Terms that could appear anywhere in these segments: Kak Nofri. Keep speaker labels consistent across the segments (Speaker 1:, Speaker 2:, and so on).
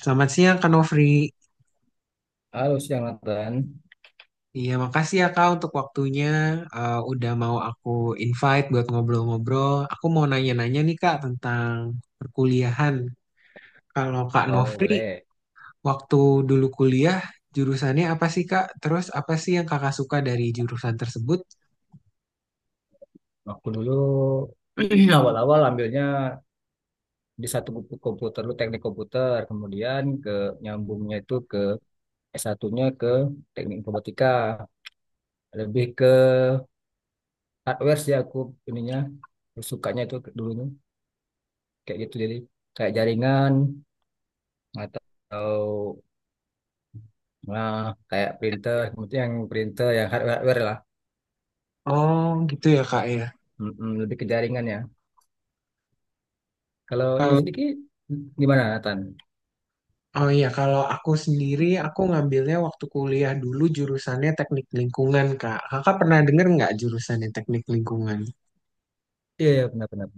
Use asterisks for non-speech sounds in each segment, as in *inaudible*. Speaker 1: Selamat siang, Kak Nofri.
Speaker 2: Halo, siang Nathan.
Speaker 1: Iya, makasih ya, Kak, untuk waktunya. Udah mau aku invite buat ngobrol-ngobrol. Aku mau nanya-nanya nih, Kak, tentang perkuliahan. Kalau Kak
Speaker 2: Oh,
Speaker 1: Nofri,
Speaker 2: boleh.
Speaker 1: waktu dulu kuliah, jurusannya apa sih, Kak? Terus apa sih yang Kakak suka dari jurusan tersebut?
Speaker 2: Aku dulu *clears throat* awal-awal ambilnya di satu buku komputer, dulu teknik komputer. Kemudian ke nyambungnya itu ke s S1 ke teknik informatika. Lebih ke hardware sih aku ininya. Sukanya itu dulunya. Kayak gitu jadi. Kayak jaringan atau, nah, kayak printer. Kemudian yang printer, yang hardware-hardware lah.
Speaker 1: Oh, gitu ya, Kak, ya.
Speaker 2: Mm-mm, lebih ke jaringan ya. Kalau ini sedikit, gimana Nathan?
Speaker 1: Oh iya, kalau aku sendiri, aku ngambilnya waktu kuliah dulu jurusannya teknik lingkungan, Kak. Kakak pernah denger nggak jurusannya teknik lingkungan?
Speaker 2: Iya, iya, benar-benar.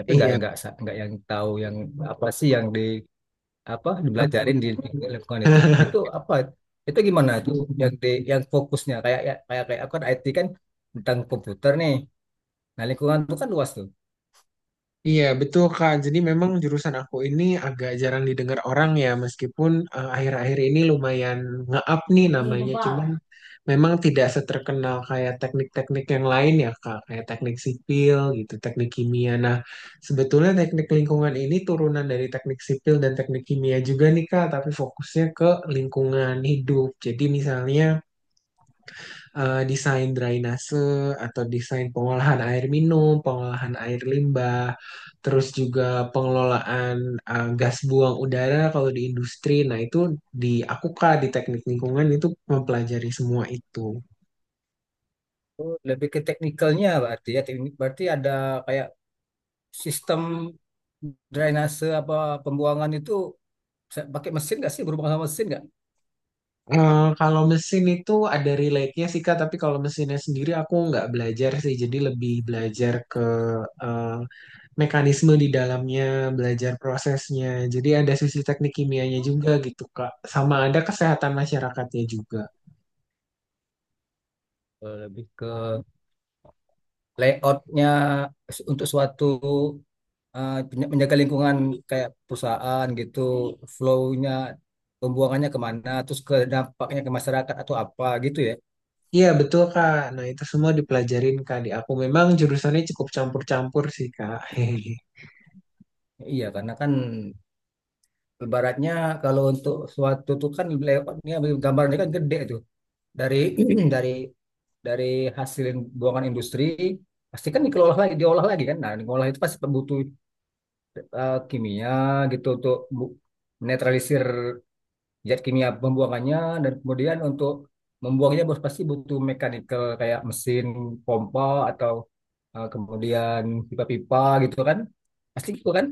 Speaker 2: Tapi nggak
Speaker 1: Iya,
Speaker 2: nggak sa- nggak yang tahu yang apa sih yang di apa dibelajarin di lingkungan itu
Speaker 1: *laughs*
Speaker 2: apa, itu gimana tuh yang di yang fokusnya, kayak ya- kayak kayak aku kan IT kan, tentang komputer nih. Nah, lingkungan itu kan luas tuh.
Speaker 1: iya, betul Kak. Jadi memang jurusan aku ini agak jarang didengar orang ya, meskipun akhir-akhir ini lumayan nge-up nih
Speaker 2: Masih
Speaker 1: namanya. Cuman
Speaker 2: bebal.
Speaker 1: memang tidak seterkenal kayak teknik-teknik yang lain ya Kak, kayak teknik sipil gitu, teknik kimia. Nah, sebetulnya teknik lingkungan ini turunan dari teknik sipil dan teknik kimia juga nih Kak, tapi fokusnya ke lingkungan hidup. Jadi misalnya desain drainase atau desain pengolahan air minum, pengolahan air limbah, terus juga pengelolaan gas buang udara kalau di industri. Nah, itu di Akuka di teknik lingkungan itu mempelajari semua itu.
Speaker 2: Oh, lebih ke teknikalnya berarti ya, teknik berarti ada kayak sistem drainase apa pembuangan itu, bisa pakai mesin nggak sih, berhubungan sama mesin nggak?
Speaker 1: Kalau mesin itu ada relate-nya sih Kak, tapi kalau mesinnya sendiri aku nggak belajar sih, jadi lebih belajar ke eh, mekanisme di dalamnya, belajar prosesnya. Jadi ada sisi teknik kimianya juga gitu, Kak. Sama ada kesehatan masyarakatnya juga.
Speaker 2: Lebih ke layoutnya untuk suatu, menjaga lingkungan kayak perusahaan gitu, flow-nya, pembuangannya kemana, terus ke dampaknya ke masyarakat atau apa gitu ya.
Speaker 1: Iya, betul, Kak. Nah, itu semua dipelajarin, Kak, di aku. Memang jurusannya cukup campur-campur sih, Kak. *laughs*
Speaker 2: Iya, karena kan ibaratnya kalau untuk suatu tuh kan layoutnya, gambarnya kan gede tuh. Dari *clears throat* dari dari hasil buangan industri pasti kan dikelola lagi, diolah lagi kan. Nah, diolah itu pasti butuh, kimia gitu untuk netralisir zat kimia pembuangannya, dan kemudian untuk membuangnya bos pasti butuh mechanical, kayak mesin pompa atau, kemudian pipa-pipa gitu kan, pasti gitu kan.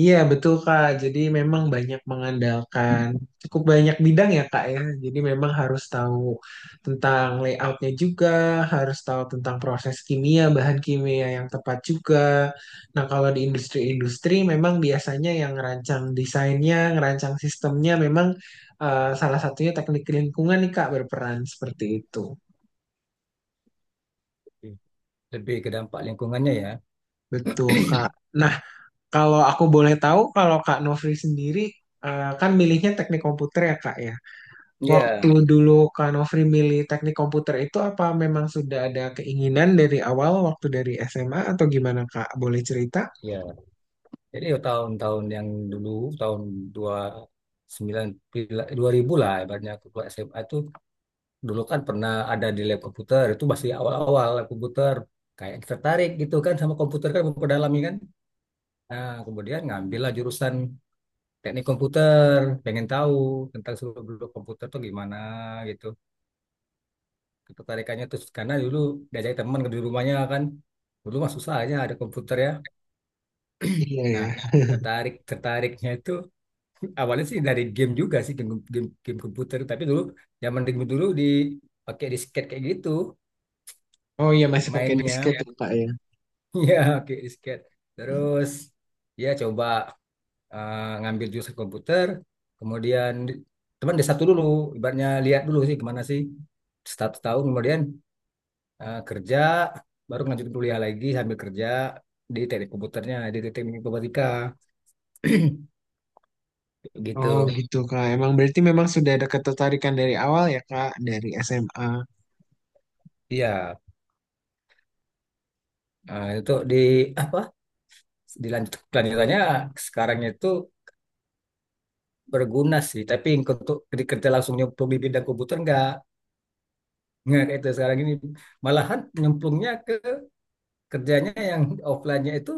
Speaker 1: Iya betul Kak, jadi memang banyak mengandalkan cukup banyak bidang ya Kak ya. Jadi memang harus tahu tentang layoutnya juga, harus tahu tentang proses kimia, bahan kimia yang tepat juga. Nah kalau di industri-industri memang biasanya yang ngerancang desainnya, ngerancang sistemnya memang salah satunya teknik lingkungan nih Kak berperan seperti itu.
Speaker 2: Hmm. Lebih ke dampak lingkungannya ya.
Speaker 1: Betul Kak. Nah kalau aku boleh tahu kalau Kak Nofri sendiri, kan milihnya teknik komputer ya Kak ya. Waktu
Speaker 2: Iya.
Speaker 1: dulu Kak Nofri milih teknik komputer itu apa memang sudah ada keinginan dari awal waktu dari SMA atau gimana Kak? Boleh cerita?
Speaker 2: Ya jadi, ya tahun-tahun yang dulu, tahun dua sembilan dua ribu lah ibaratnya aku keluar SMA itu. Dulu kan pernah ada di lab komputer, itu masih awal-awal lab komputer, kayak tertarik gitu kan sama komputer kan, memperdalami kan. Nah kemudian ngambil lah jurusan teknik komputer, pengen tahu tentang seluruh beluk komputer tuh gimana gitu. Ketertarikannya terus karena dulu diajak teman ke di rumahnya kan. Dulu mah susah aja ada komputer ya.
Speaker 1: Iya ya.
Speaker 2: Nah,
Speaker 1: *laughs*
Speaker 2: tertarik tertariknya itu, *laughs* awalnya sih dari game juga sih, game game, game komputer. Tapi dulu zaman dulu dulu di pakai disket kayak gitu
Speaker 1: Oh iya masih pakai
Speaker 2: mainnya.
Speaker 1: disket ya
Speaker 2: *laughs*
Speaker 1: Kak ya.
Speaker 2: Ya, pakai disket. Terus ya coba, ngambil jurusan komputer, kemudian teman desa satu dulu, ibaratnya lihat dulu sih kemana sih, satu tahun kemudian, kerja, baru lanjut kuliah lagi sambil kerja di teknik komputernya, di teknik informatika, *clears throat*
Speaker 1: Oh
Speaker 2: gitu.
Speaker 1: gitu Kak. Emang berarti memang sudah ada ketertarikan dari awal ya Kak dari SMA.
Speaker 2: Iya, itu di apa? Dilanjut kelanjutannya sekarang itu berguna sih, tapi untuk di kerja langsung nyemplung di bidang komputer enggak. Nggak kayak itu sekarang ini, malahan nyemplungnya ke kerjanya yang offline-nya itu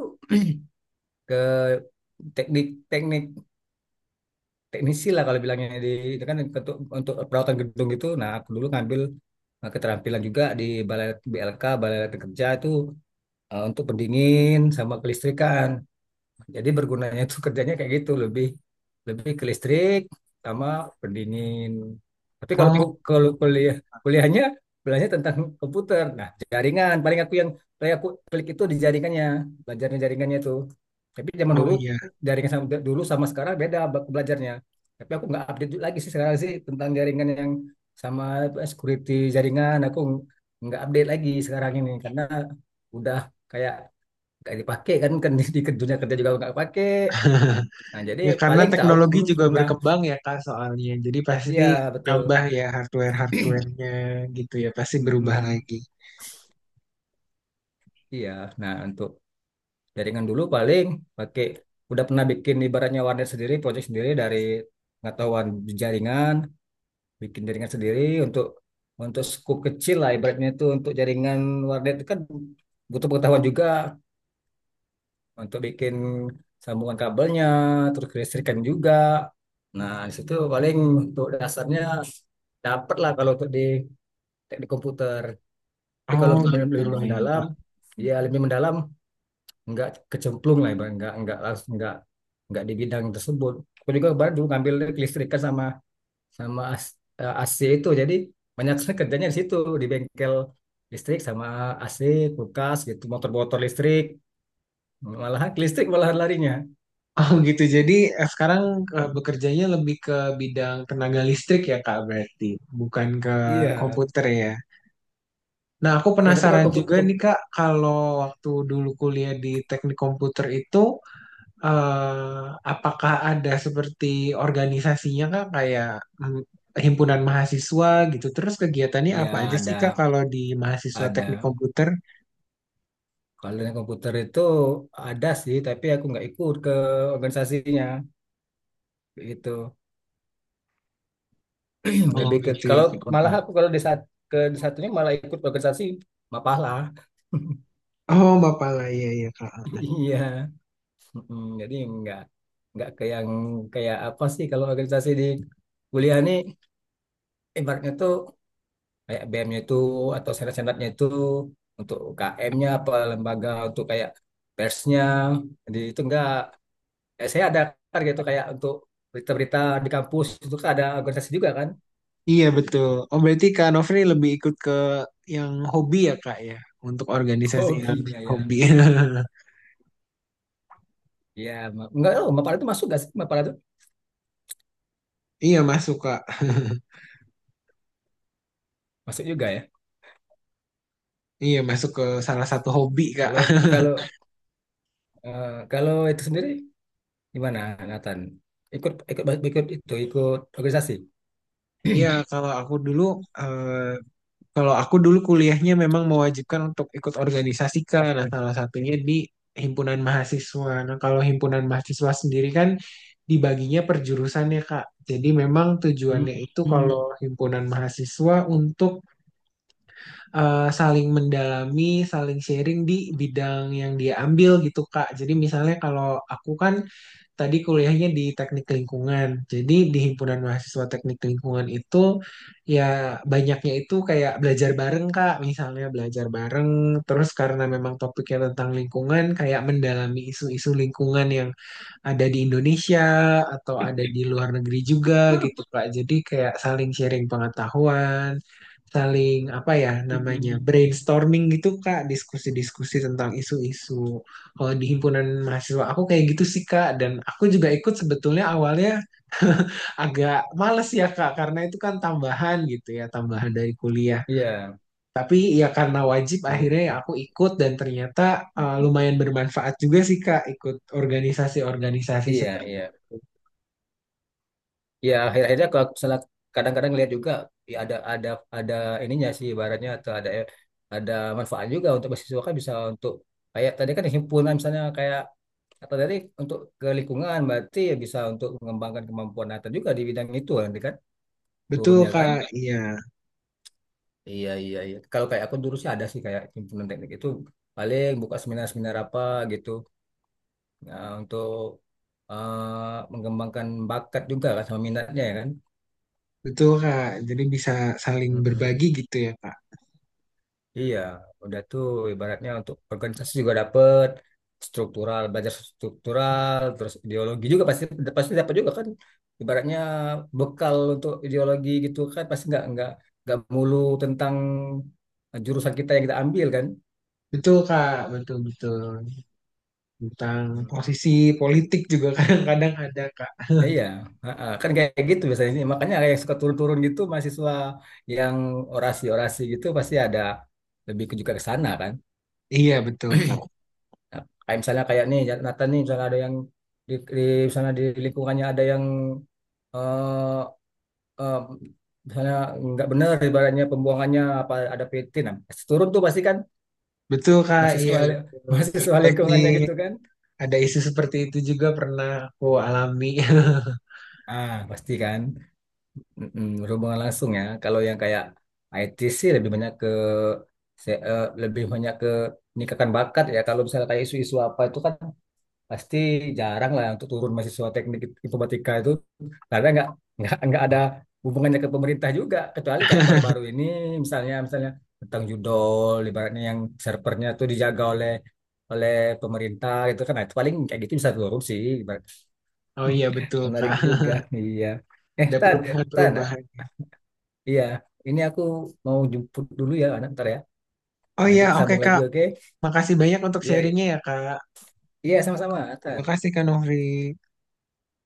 Speaker 2: ke teknik teknik teknisi lah kalau bilangnya di itu kan, untuk, perawatan gedung itu. Nah aku dulu ngambil, keterampilan juga di balai BLK, balai latihan kerja itu, untuk pendingin sama kelistrikan. Jadi bergunanya itu kerjanya kayak gitu, lebih lebih ke listrik sama pendingin. Tapi kalau ku-
Speaker 1: Oh,
Speaker 2: kalau kuliah, kuliahnya belajarnya tentang komputer. Nah, jaringan paling aku yang paling aku klik itu di jaringannya, belajarnya jaringannya itu. Tapi zaman
Speaker 1: oh
Speaker 2: dulu
Speaker 1: iya.
Speaker 2: jaringan sama dulu sama sekarang beda, belajarnya. Tapi aku nggak update lagi sih sekarang sih tentang jaringan yang sama, security jaringan aku nggak update lagi sekarang ini, karena udah kayak nggak dipakai kan, di dunia kerja juga nggak pakai, nah jadi
Speaker 1: Ya karena
Speaker 2: paling tahu
Speaker 1: teknologi
Speaker 2: dulu
Speaker 1: juga
Speaker 2: pernah.
Speaker 1: berkembang ya Kak soalnya. Jadi pasti
Speaker 2: Iya, betul.
Speaker 1: nambah ya hardware-hardwarenya gitu ya. Pasti berubah
Speaker 2: Mm-mm.
Speaker 1: lagi.
Speaker 2: Iya, nah untuk jaringan dulu paling pakai, udah pernah bikin ibaratnya warnet sendiri, project sendiri dari pengetahuan jaringan, bikin jaringan sendiri untuk, skup kecil lah ibaratnya, itu untuk jaringan warnet itu kan butuh pengetahuan juga untuk bikin sambungan kabelnya, terus kelistrikan juga. Nah, di situ paling untuk dasarnya dapat lah kalau untuk di teknik komputer. Tapi kalau
Speaker 1: Oh
Speaker 2: untuk
Speaker 1: gitu
Speaker 2: lebih
Speaker 1: ya
Speaker 2: mendalam,
Speaker 1: Kak.
Speaker 2: ya lebih mendalam, nggak kecemplung lah, ibarat nggak, langsung nggak, di bidang tersebut. Aku juga baru dulu ngambil kelistrikan sama, sama as- AC itu, jadi banyak sekali kerjanya di situ, di bengkel listrik sama AC, kulkas gitu, motor-motor listrik, malahan ke listrik malahan larinya.
Speaker 1: Oh gitu. Jadi sekarang bekerjanya lebih ke bidang tenaga listrik ya Kak berarti. Bukan ke
Speaker 2: Iya.
Speaker 1: komputer ya. Nah aku
Speaker 2: Ya, tapi kalau
Speaker 1: penasaran juga
Speaker 2: komputer,
Speaker 1: nih Kak. Kalau waktu dulu kuliah di teknik komputer itu, apakah ada seperti organisasinya kak kayak mm, himpunan mahasiswa gitu. Terus kegiatannya
Speaker 2: ya
Speaker 1: apa aja sih kak
Speaker 2: ada,
Speaker 1: kalau di mahasiswa teknik
Speaker 2: ada
Speaker 1: komputer?
Speaker 2: kalau dengan komputer itu ada sih, tapi aku nggak ikut ke organisasinya gitu. *clears throat*
Speaker 1: Oh
Speaker 2: Lebih ke
Speaker 1: gitu ya.
Speaker 2: kalau, malah
Speaker 1: Kak.
Speaker 2: aku kalau di saat ke di satunya malah ikut organisasi Mapala. *laughs*
Speaker 1: Oh bapak lah iya iya kak.
Speaker 2: Iya. Jadi nggak, ke yang kayak apa sih, kalau organisasi di kuliah nih ibaratnya tuh kayak BM-nya itu atau senat-senatnya itu, untuk UKM-nya apa, lembaga untuk kayak persnya. Jadi itu enggak, saya ada target itu kayak untuk berita-berita di kampus, itu kan ada organisasi juga kan.
Speaker 1: Iya betul. Oh berarti kak Nofri lebih ikut ke yang hobi ya kak ya untuk
Speaker 2: *laughs*
Speaker 1: organisasi yang
Speaker 2: Hobinya ya.
Speaker 1: hobi. *laughs*
Speaker 2: Ya enggak, oh, Mapala itu masuk gak sih, Mapala itu
Speaker 1: Iya masuk kak.
Speaker 2: masuk juga ya?
Speaker 1: Iya masuk ke salah satu hobi kak.
Speaker 2: Kalau, kalau kalau itu sendiri gimana Nathan, ikut, ikut ikut itu ikut organisasi?
Speaker 1: Iya kalau aku dulu, eh, Kalau aku dulu kuliahnya memang mewajibkan untuk ikut organisasi kan, nah salah satunya di himpunan mahasiswa. Nah kalau himpunan mahasiswa sendiri kan dibaginya per jurusan ya Kak. Jadi memang
Speaker 2: Hmm.
Speaker 1: tujuannya itu
Speaker 2: Hmm.
Speaker 1: kalau himpunan mahasiswa untuk saling mendalami, saling sharing di bidang yang dia ambil gitu, Kak. Jadi misalnya kalau aku kan tadi kuliahnya di teknik lingkungan. Jadi di himpunan mahasiswa teknik lingkungan itu ya banyaknya itu kayak belajar bareng Kak, misalnya belajar bareng terus karena memang topiknya tentang lingkungan kayak mendalami isu-isu lingkungan yang ada di Indonesia atau ada di luar negeri juga gitu Kak. Jadi kayak saling sharing pengetahuan, saling apa ya namanya brainstorming gitu Kak, diskusi-diskusi tentang isu-isu. Kalau di himpunan mahasiswa aku kayak gitu sih Kak dan aku juga ikut sebetulnya awalnya *laughs* agak males ya Kak karena itu kan tambahan gitu ya, tambahan dari kuliah.
Speaker 2: Iya,
Speaker 1: Tapi ya karena wajib
Speaker 2: iya,
Speaker 1: akhirnya ya aku ikut dan ternyata lumayan bermanfaat juga sih Kak ikut organisasi-organisasi
Speaker 2: iya,
Speaker 1: seperti
Speaker 2: iya, ya akhir-akhirnya kalau misalnya kadang-kadang lihat juga ya, ada, ada ininya sih ibaratnya, atau ada, ada manfaat juga untuk mahasiswa kan, bisa untuk kayak tadi kan himpunan misalnya kayak, atau tadi untuk ke lingkungan berarti ya bisa untuk mengembangkan kemampuan Nathan juga di bidang itu nanti kan,
Speaker 1: Betul
Speaker 2: turunnya kan.
Speaker 1: Kak, iya.
Speaker 2: Iya, iya, iya, kalau kayak aku dulu sih ada sih kayak himpunan teknik itu, paling buka seminar-seminar apa gitu. Nah, untuk, mengembangkan bakat juga kan, sama minatnya ya
Speaker 1: Betul Kak. Jadi bisa saling
Speaker 2: kan.
Speaker 1: berbagi gitu ya Kak.
Speaker 2: Iya, udah tuh ibaratnya untuk organisasi juga dapet struktural, belajar struktural, terus ideologi juga pasti, dapat juga kan. Ibaratnya bekal untuk ideologi gitu kan, pasti nggak, nggak mulu tentang jurusan kita yang kita ambil kan.
Speaker 1: Betul Kak, betul-betul. Tentang
Speaker 2: Hmm.
Speaker 1: posisi politik juga *laughs* kadang-kadang ada Kak. *laughs*
Speaker 2: Iya, ha-ha. Kan kayak gitu biasanya sih. Makanya kayak suka turun-turun gitu mahasiswa yang orasi-orasi gitu pasti ada, lebih ke juga ke sana kan.
Speaker 1: Iya betul Kak.
Speaker 2: Nah, kayak misalnya kayak nih Nathan nih, misalnya ada yang di, misalnya di lingkungannya ada yang, eh eh, misalnya nggak benar ibaratnya pembuangannya apa ada PT, nah pasti turun tuh pasti kan
Speaker 1: Betul Kak, iya
Speaker 2: mahasiswa, *laughs*
Speaker 1: betul.
Speaker 2: mahasiswa
Speaker 1: Seperti
Speaker 2: lingkungannya gitu kan.
Speaker 1: ada isu seperti itu juga pernah aku alami. *laughs*
Speaker 2: Ah, pasti kan. Mm-mm, berhubungan langsung ya, kalau yang kayak IT sih lebih banyak ke, lebih banyak ke meningkatkan bakat ya. Kalau misalnya kayak isu-isu apa itu kan pasti jarang lah untuk turun mahasiswa teknik informatika itu, karena nggak, nggak ada hubungannya ke pemerintah juga, kecuali kayak baru-baru ini misalnya, tentang judol ibaratnya yang servernya tuh dijaga oleh, oleh pemerintah gitu kan. Nah, itu paling kayak gitu bisa turun sih ibarat.
Speaker 1: Oh iya
Speaker 2: *laughs*
Speaker 1: betul
Speaker 2: Menarik
Speaker 1: Kak.
Speaker 2: juga. Iya,
Speaker 1: Ada
Speaker 2: tan, tan,
Speaker 1: perubahan-perubahan.
Speaker 2: iya, ini aku mau jemput dulu ya anak ntar ya,
Speaker 1: Oh
Speaker 2: nanti
Speaker 1: iya, oke
Speaker 2: sambung lagi,
Speaker 1: Kak.
Speaker 2: oke.
Speaker 1: Makasih banyak untuk
Speaker 2: Iya, iya,
Speaker 1: sharingnya ya Kak.
Speaker 2: iya, sama-sama
Speaker 1: Terima
Speaker 2: tan.
Speaker 1: kasih Kak Nofri.